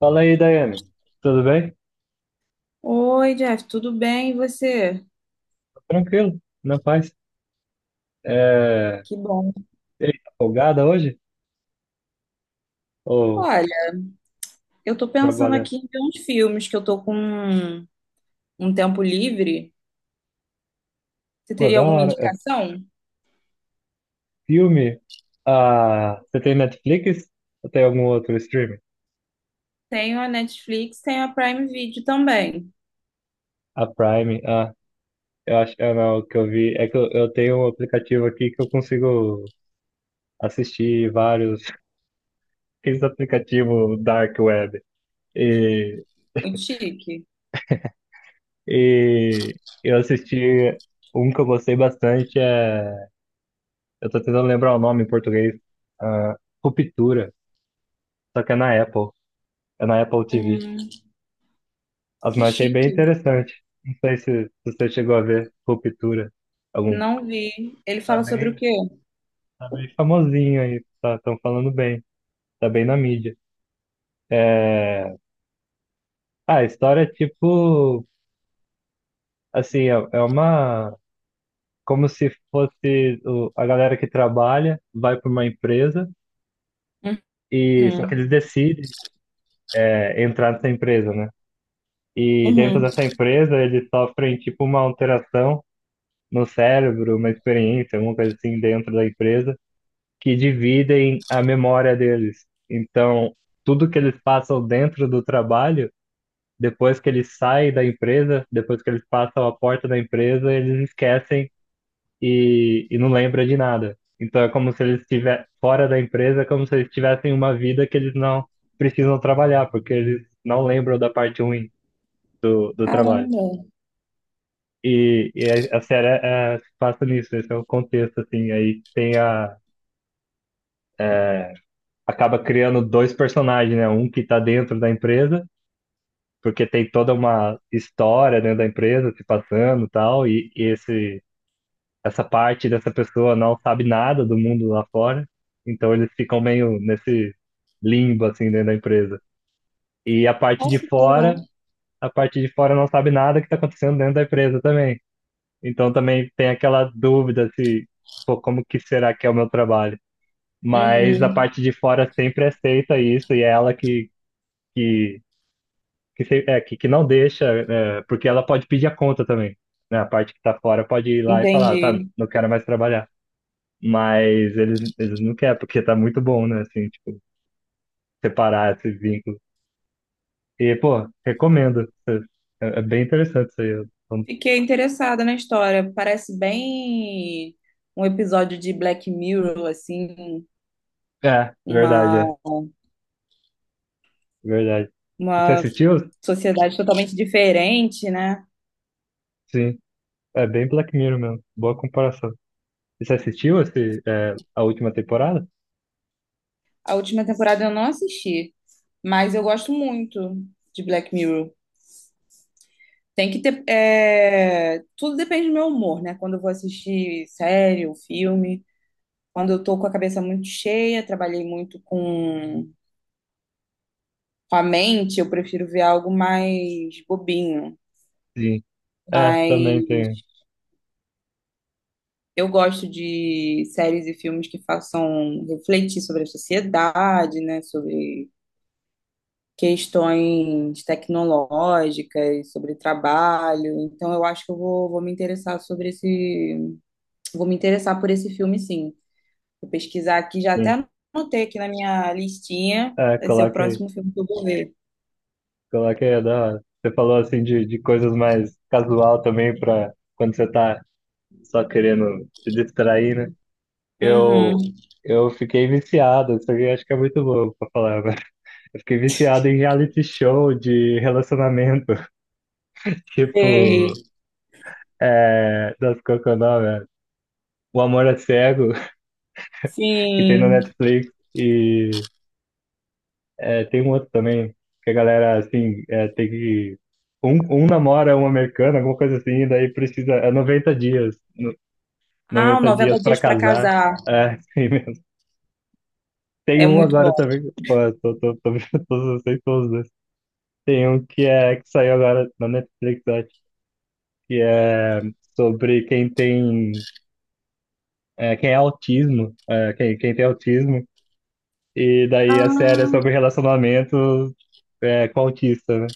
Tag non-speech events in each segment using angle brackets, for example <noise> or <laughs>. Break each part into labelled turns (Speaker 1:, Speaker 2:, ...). Speaker 1: Fala aí, Daiane. Tudo bem?
Speaker 2: Oi, Jeff, tudo bem? E você?
Speaker 1: Tranquilo, na paz. É...
Speaker 2: Que bom.
Speaker 1: E aí, tá folgada hoje? Ou
Speaker 2: Olha, eu tô pensando
Speaker 1: trabalhando?
Speaker 2: aqui em ver uns filmes que eu tô com um tempo livre. Você
Speaker 1: Pô,
Speaker 2: teria
Speaker 1: da
Speaker 2: alguma
Speaker 1: hora. É
Speaker 2: indicação?
Speaker 1: filme? Ah, você tem Netflix? Ou tem algum outro streaming?
Speaker 2: Tenho a Netflix, tenho a Prime Video também.
Speaker 1: A Prime? Ah, eu acho ah, não, O que eu vi é que eu tenho um aplicativo aqui que eu consigo assistir vários. <laughs> Esse aplicativo Dark Web. E,
Speaker 2: Muito chique.
Speaker 1: e eu assisti um que eu gostei bastante. Eu tô tentando lembrar o nome em português. Ah, Ruptura. Só que é na Apple. É na Apple TV.
Speaker 2: Hum,
Speaker 1: As
Speaker 2: que
Speaker 1: Mas eu achei bem
Speaker 2: chique.
Speaker 1: interessante. Não sei se você chegou a ver Ruptura. Algum.
Speaker 2: Não vi. Ele
Speaker 1: Tá
Speaker 2: fala sobre o
Speaker 1: bem,
Speaker 2: quê?
Speaker 1: tá bem famosinho aí. Tá, tão falando bem. Tá bem na mídia. É... Ah, a história é tipo. Assim, é, é uma. Como se fosse a galera que trabalha, vai para uma empresa e só que
Speaker 2: Uhum.
Speaker 1: eles decidem entrar nessa empresa, né? E dentro
Speaker 2: Uhum.
Speaker 1: dessa empresa, eles sofrem tipo uma alteração no cérebro, uma experiência, alguma coisa assim dentro da empresa, que dividem a memória deles. Então, tudo que eles passam dentro do trabalho, depois que eles saem da empresa, depois que eles passam a porta da empresa, eles esquecem e não lembram de nada. Então, é como se eles estivessem fora da empresa, é como se eles tivessem uma vida que eles não precisam trabalhar, porque eles não lembram da parte ruim do trabalho.
Speaker 2: Caramba.
Speaker 1: E a série se passa nisso, esse é o contexto, assim. Aí tem a. Acaba criando dois personagens, né? Um que tá dentro da empresa, porque tem toda uma história dentro da empresa se passando e tal, e essa parte dessa pessoa não sabe nada do mundo lá fora, então eles ficam meio nesse limbo, assim, dentro da empresa. E a parte de
Speaker 2: Nossa, que legal.
Speaker 1: fora, a parte de fora não sabe nada que tá acontecendo dentro da empresa também. Então também tem aquela dúvida se, pô, como que será que é o meu trabalho? Mas a
Speaker 2: Uhum.
Speaker 1: parte de fora sempre aceita isso e é ela que, que não deixa, é, porque ela pode pedir a conta também, né? A parte que tá fora pode ir lá e falar, tá,
Speaker 2: Entendi.
Speaker 1: não quero mais trabalhar. Mas eles não querem, porque tá muito bom, né? Assim, tipo, separar esse vínculo. E, pô, recomendo. É bem interessante isso aí. Eu-
Speaker 2: Fiquei interessada na história. Parece bem um episódio de Black Mirror, assim,
Speaker 1: É, verdade,
Speaker 2: uma,
Speaker 1: verdade. Você
Speaker 2: uma
Speaker 1: assistiu?
Speaker 2: sociedade totalmente diferente, né?
Speaker 1: Sim. É bem Black Mirror mesmo. Boa comparação. E você assistiu esse, é, a última temporada?
Speaker 2: A última temporada eu não assisti, mas eu gosto muito de Black Mirror. Tem que ter. Tudo depende do meu humor, né? Quando eu vou assistir série ou filme, quando eu tô com a cabeça muito cheia, trabalhei muito com a mente, eu prefiro ver algo mais bobinho.
Speaker 1: Sim. É, também tem.
Speaker 2: Mas eu gosto de séries e filmes que façam refletir sobre a sociedade, né? Sobre questões tecnológicas, sobre trabalho. Então, eu acho que eu vou me interessar sobre esse. Vou me interessar por esse filme, sim. Vou pesquisar aqui, já
Speaker 1: Sim.
Speaker 2: até anotei aqui na minha listinha.
Speaker 1: É,
Speaker 2: Vai ser o
Speaker 1: coloquei,
Speaker 2: próximo filme que eu vou ver.
Speaker 1: coloquei a da hora. Você falou assim de coisas mais casual também para quando você tá só querendo se distrair, né?
Speaker 2: Uhum.
Speaker 1: Eu, eu fiquei viciado, isso aqui eu acho que é muito bom pra falar, mas <laughs> eu fiquei viciado em reality show de relacionamento, <laughs> tipo,
Speaker 2: Sei.
Speaker 1: é, das qual que é o nome? É? O Amor é Cego, que tem na
Speaker 2: Sim.
Speaker 1: Netflix. E é, tem um outro também, que a galera, assim, é, tem que. Um, um namora um americano, alguma coisa assim, e daí precisa. É 90 dias.
Speaker 2: Ah, o
Speaker 1: Noventa
Speaker 2: noventa
Speaker 1: dias pra
Speaker 2: Dias para
Speaker 1: casar.
Speaker 2: Casar.
Speaker 1: É, <laughs> assim mesmo. Tem
Speaker 2: É
Speaker 1: um
Speaker 2: muito
Speaker 1: agora
Speaker 2: bom.
Speaker 1: também. Pô, eu tô vendo <laughs> todos, eu sei todos, né? Tem um que é que saiu agora na Netflix, eu acho, que é sobre quem tem. É, quem é autismo. É, quem, quem tem autismo. E daí a
Speaker 2: Ah,
Speaker 1: série é sobre relacionamento é, com autista, né?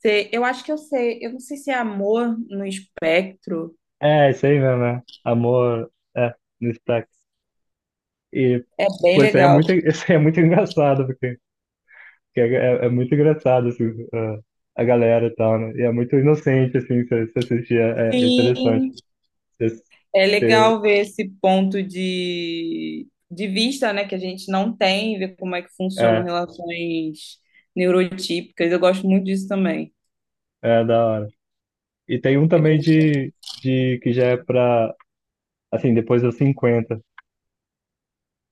Speaker 2: sei. Eu acho que eu sei. Eu não sei se é Amor no Espectro.
Speaker 1: É, isso aí mesmo, né? Amor, é, no sotaque. E,
Speaker 2: É bem
Speaker 1: pô, isso aí é
Speaker 2: legal.
Speaker 1: muito, <laughs> isso aí é muito engraçado, porque, porque é muito engraçado, assim, a galera e tal, né? E é muito inocente, assim, se assistir, é, é interessante.
Speaker 2: Sim.
Speaker 1: Se-
Speaker 2: É
Speaker 1: se-
Speaker 2: legal ver esse ponto de vista, né, que a gente não tem, ver como é que funcionam
Speaker 1: é,
Speaker 2: relações neurotípicas. Eu gosto muito disso também.
Speaker 1: É da hora. E tem um
Speaker 2: É bem
Speaker 1: também
Speaker 2: legal.
Speaker 1: que já é pra, assim, depois dos 50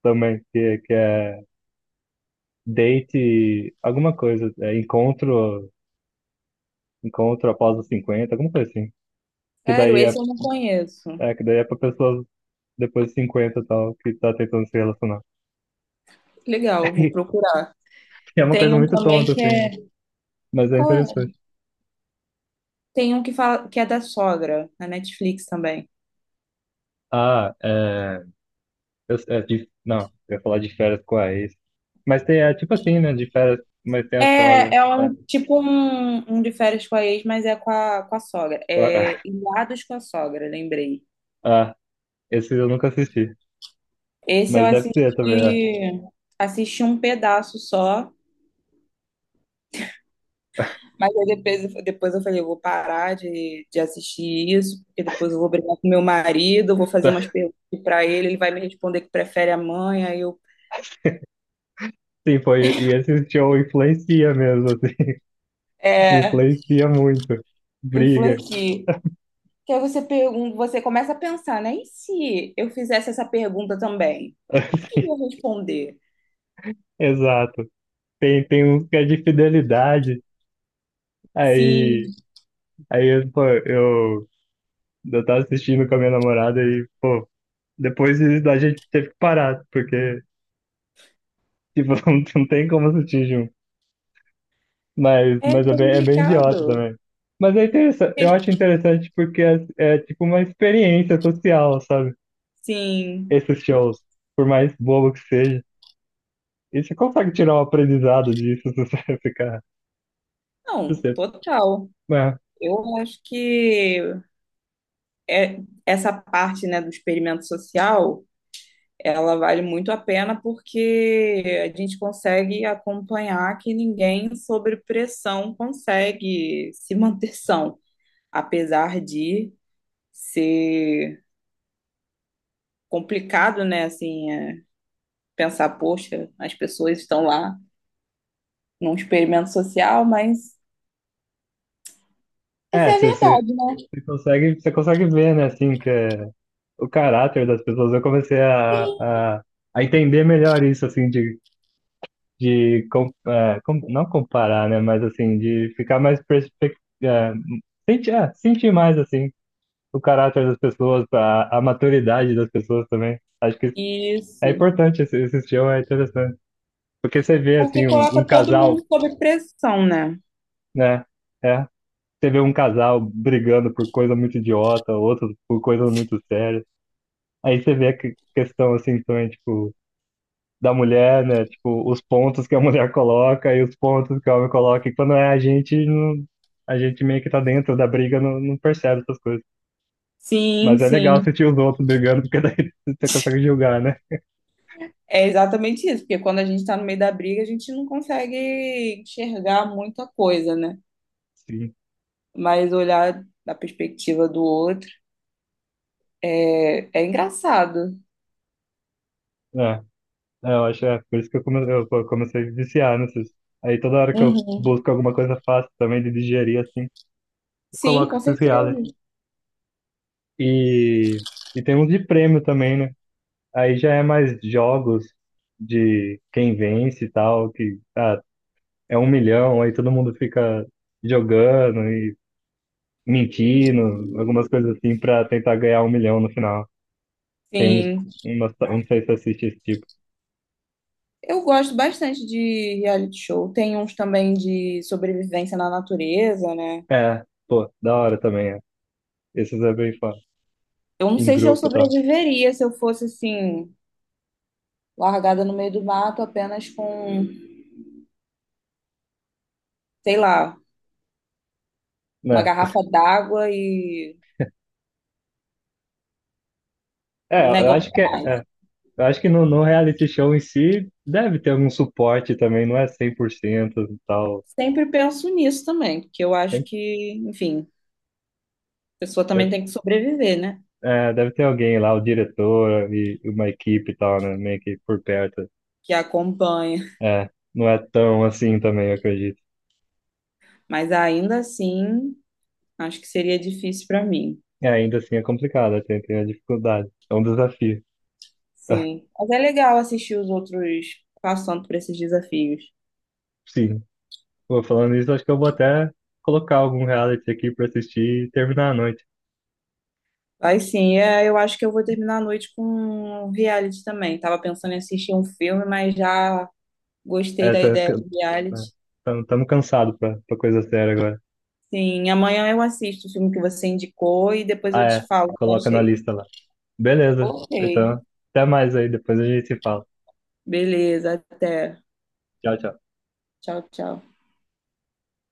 Speaker 1: também, que é date, alguma coisa, é encontro após os 50, alguma coisa assim. Que
Speaker 2: Sério,
Speaker 1: daí
Speaker 2: esse
Speaker 1: é,
Speaker 2: eu não conheço.
Speaker 1: que daí é pra pessoas depois de 50 e tal, que tá tentando se relacionar.
Speaker 2: Legal, eu vou
Speaker 1: <laughs>
Speaker 2: procurar.
Speaker 1: Que é uma
Speaker 2: Tem
Speaker 1: coisa
Speaker 2: um
Speaker 1: muito
Speaker 2: também
Speaker 1: tonta,
Speaker 2: que
Speaker 1: assim, né?
Speaker 2: é.
Speaker 1: Mas é
Speaker 2: Qual é?
Speaker 1: interessante.
Speaker 2: Tem um que fala que é da sogra, na Netflix também.
Speaker 1: Ah, é. Eu, não, eu ia falar de férias com a ex. Mas tem, é tipo assim, né? De férias, mas tem a
Speaker 2: É,
Speaker 1: sogra.
Speaker 2: é
Speaker 1: É,
Speaker 2: um tipo um de férias com a ex, mas é com com a sogra.
Speaker 1: com a-
Speaker 2: É Ilhados com a sogra, lembrei.
Speaker 1: <laughs> ah, esse eu nunca assisti.
Speaker 2: Esse eu
Speaker 1: Mas deve ser também, é. <laughs>
Speaker 2: assisti um pedaço só, mas aí depois eu falei, eu vou parar de assistir isso, porque depois eu vou brigar com meu marido, eu vou fazer
Speaker 1: Tá.
Speaker 2: umas perguntas para ele, ele vai me responder que prefere a mãe, aí eu
Speaker 1: Sim, foi. E esse show influencia mesmo, assim. <laughs>
Speaker 2: é,
Speaker 1: Influencia muito. Briga.
Speaker 2: influencie. Que aí você pergunta, você começa a pensar, né? E se eu fizesse essa pergunta também? O que
Speaker 1: Assim,
Speaker 2: eu ia responder?
Speaker 1: <laughs> exato. Tem, tem uns que é de fidelidade.
Speaker 2: Sim,
Speaker 1: Aí, aí eu, pô, eu tava assistindo com a minha namorada e, pô, depois a gente teve que parar, porque, tipo, <laughs> não tem como assistir junto.
Speaker 2: é
Speaker 1: Mas é bem idiota
Speaker 2: complicado.
Speaker 1: também. Mas é interessante, eu acho interessante é tipo uma experiência social, sabe?
Speaker 2: Sim,
Speaker 1: Esses shows, por mais bobo que seja. E você consegue tirar um aprendizado disso <laughs> se você ficar. Se
Speaker 2: não,
Speaker 1: você,
Speaker 2: total.
Speaker 1: é,
Speaker 2: Eu acho que é, essa parte, né, do experimento social, ela vale muito a pena porque a gente consegue acompanhar que ninguém sobre pressão consegue se manter são, apesar de ser complicado, né, assim, pensar, poxa, as pessoas estão lá num experimento social, mas essa
Speaker 1: é,
Speaker 2: é a
Speaker 1: você, você,
Speaker 2: verdade.
Speaker 1: você consegue ver, né, assim, que é o caráter das pessoas. Eu comecei a entender melhor isso, assim, de não comparar, né? Mas assim, de ficar mais perspectiva, sentir mais assim o caráter das pessoas, a maturidade das pessoas também. Acho que é
Speaker 2: Isso,
Speaker 1: importante esse show, é interessante. Porque você vê
Speaker 2: porque
Speaker 1: assim
Speaker 2: coloca
Speaker 1: um
Speaker 2: todo
Speaker 1: casal,
Speaker 2: mundo sob pressão, né?
Speaker 1: né? É, você vê um casal brigando por coisa muito idiota, outro por coisa muito séria. Aí você vê a questão assim também, tipo da mulher, né? Tipo, os pontos que a mulher coloca e os pontos que o homem coloca. E quando é a gente, não, a gente meio que tá dentro da briga, não percebe essas coisas.
Speaker 2: Sim,
Speaker 1: Mas é legal
Speaker 2: sim.
Speaker 1: sentir os outros brigando, porque daí <laughs> você consegue julgar, né?
Speaker 2: É exatamente isso, porque quando a gente está no meio da briga, a gente não consegue enxergar muita coisa, né?
Speaker 1: Sim.
Speaker 2: Mas olhar da perspectiva do outro é engraçado.
Speaker 1: É, eu acho, é por isso que eu comecei a viciar nesses. Aí toda hora que eu
Speaker 2: Uhum.
Speaker 1: busco alguma coisa fácil também de digerir, assim, eu
Speaker 2: Sim,
Speaker 1: coloco
Speaker 2: com
Speaker 1: esses reality.
Speaker 2: certeza.
Speaker 1: E, e tem uns de prêmio também, né? Aí já é mais jogos de quem vence e tal, que ah, é 1 milhão, aí todo mundo fica jogando e mentindo, algumas coisas assim, pra tentar ganhar 1 milhão no final. Tem uns,
Speaker 2: Sim.
Speaker 1: eu não sei se assiste esse tipo.
Speaker 2: Eu gosto bastante de reality show. Tem uns também de sobrevivência na natureza, né?
Speaker 1: É, pô, da hora também, é. Esses é bem fã,
Speaker 2: Eu não
Speaker 1: em
Speaker 2: sei se eu
Speaker 1: grupo e tal.
Speaker 2: sobreviveria se eu fosse assim, largada no meio do mato apenas com, sei lá, uma
Speaker 1: Né?
Speaker 2: garrafa d'água e
Speaker 1: É,
Speaker 2: um
Speaker 1: eu
Speaker 2: negócio.
Speaker 1: acho que é, é. Eu acho que no reality show em si deve ter algum suporte também, não é 100% e tal.
Speaker 2: Sempre penso nisso também, porque eu acho
Speaker 1: Tem-
Speaker 2: que, enfim, a pessoa também
Speaker 1: deve,
Speaker 2: tem que sobreviver, né?
Speaker 1: é, deve ter alguém lá, o diretor e uma equipe e tal, né? Meio que por perto.
Speaker 2: Que acompanha.
Speaker 1: É, não é tão assim também, eu acredito.
Speaker 2: Mas ainda assim, acho que seria difícil para mim.
Speaker 1: É, ainda assim é complicado, tem a dificuldade. É um desafio.
Speaker 2: Sim.
Speaker 1: <laughs>
Speaker 2: Mas é legal assistir os outros passando por esses desafios.
Speaker 1: Sim. Pô, falando isso, acho que eu vou até colocar algum reality aqui pra assistir e terminar a noite.
Speaker 2: Mas sim, eu acho que eu vou terminar a noite com um reality também. Tava pensando em assistir um filme, mas já gostei
Speaker 1: É,
Speaker 2: da
Speaker 1: tá,
Speaker 2: ideia de reality.
Speaker 1: estamos cansados pra coisa séria agora.
Speaker 2: Sim, amanhã eu assisto o filme que você indicou e depois
Speaker 1: Ah,
Speaker 2: eu te
Speaker 1: é.
Speaker 2: falo o que eu
Speaker 1: Coloca na
Speaker 2: achei.
Speaker 1: lista lá. Beleza.
Speaker 2: Ok.
Speaker 1: Então, até mais aí, depois a gente se fala.
Speaker 2: Beleza, até.
Speaker 1: Tchau, tchau.
Speaker 2: Tchau, tchau.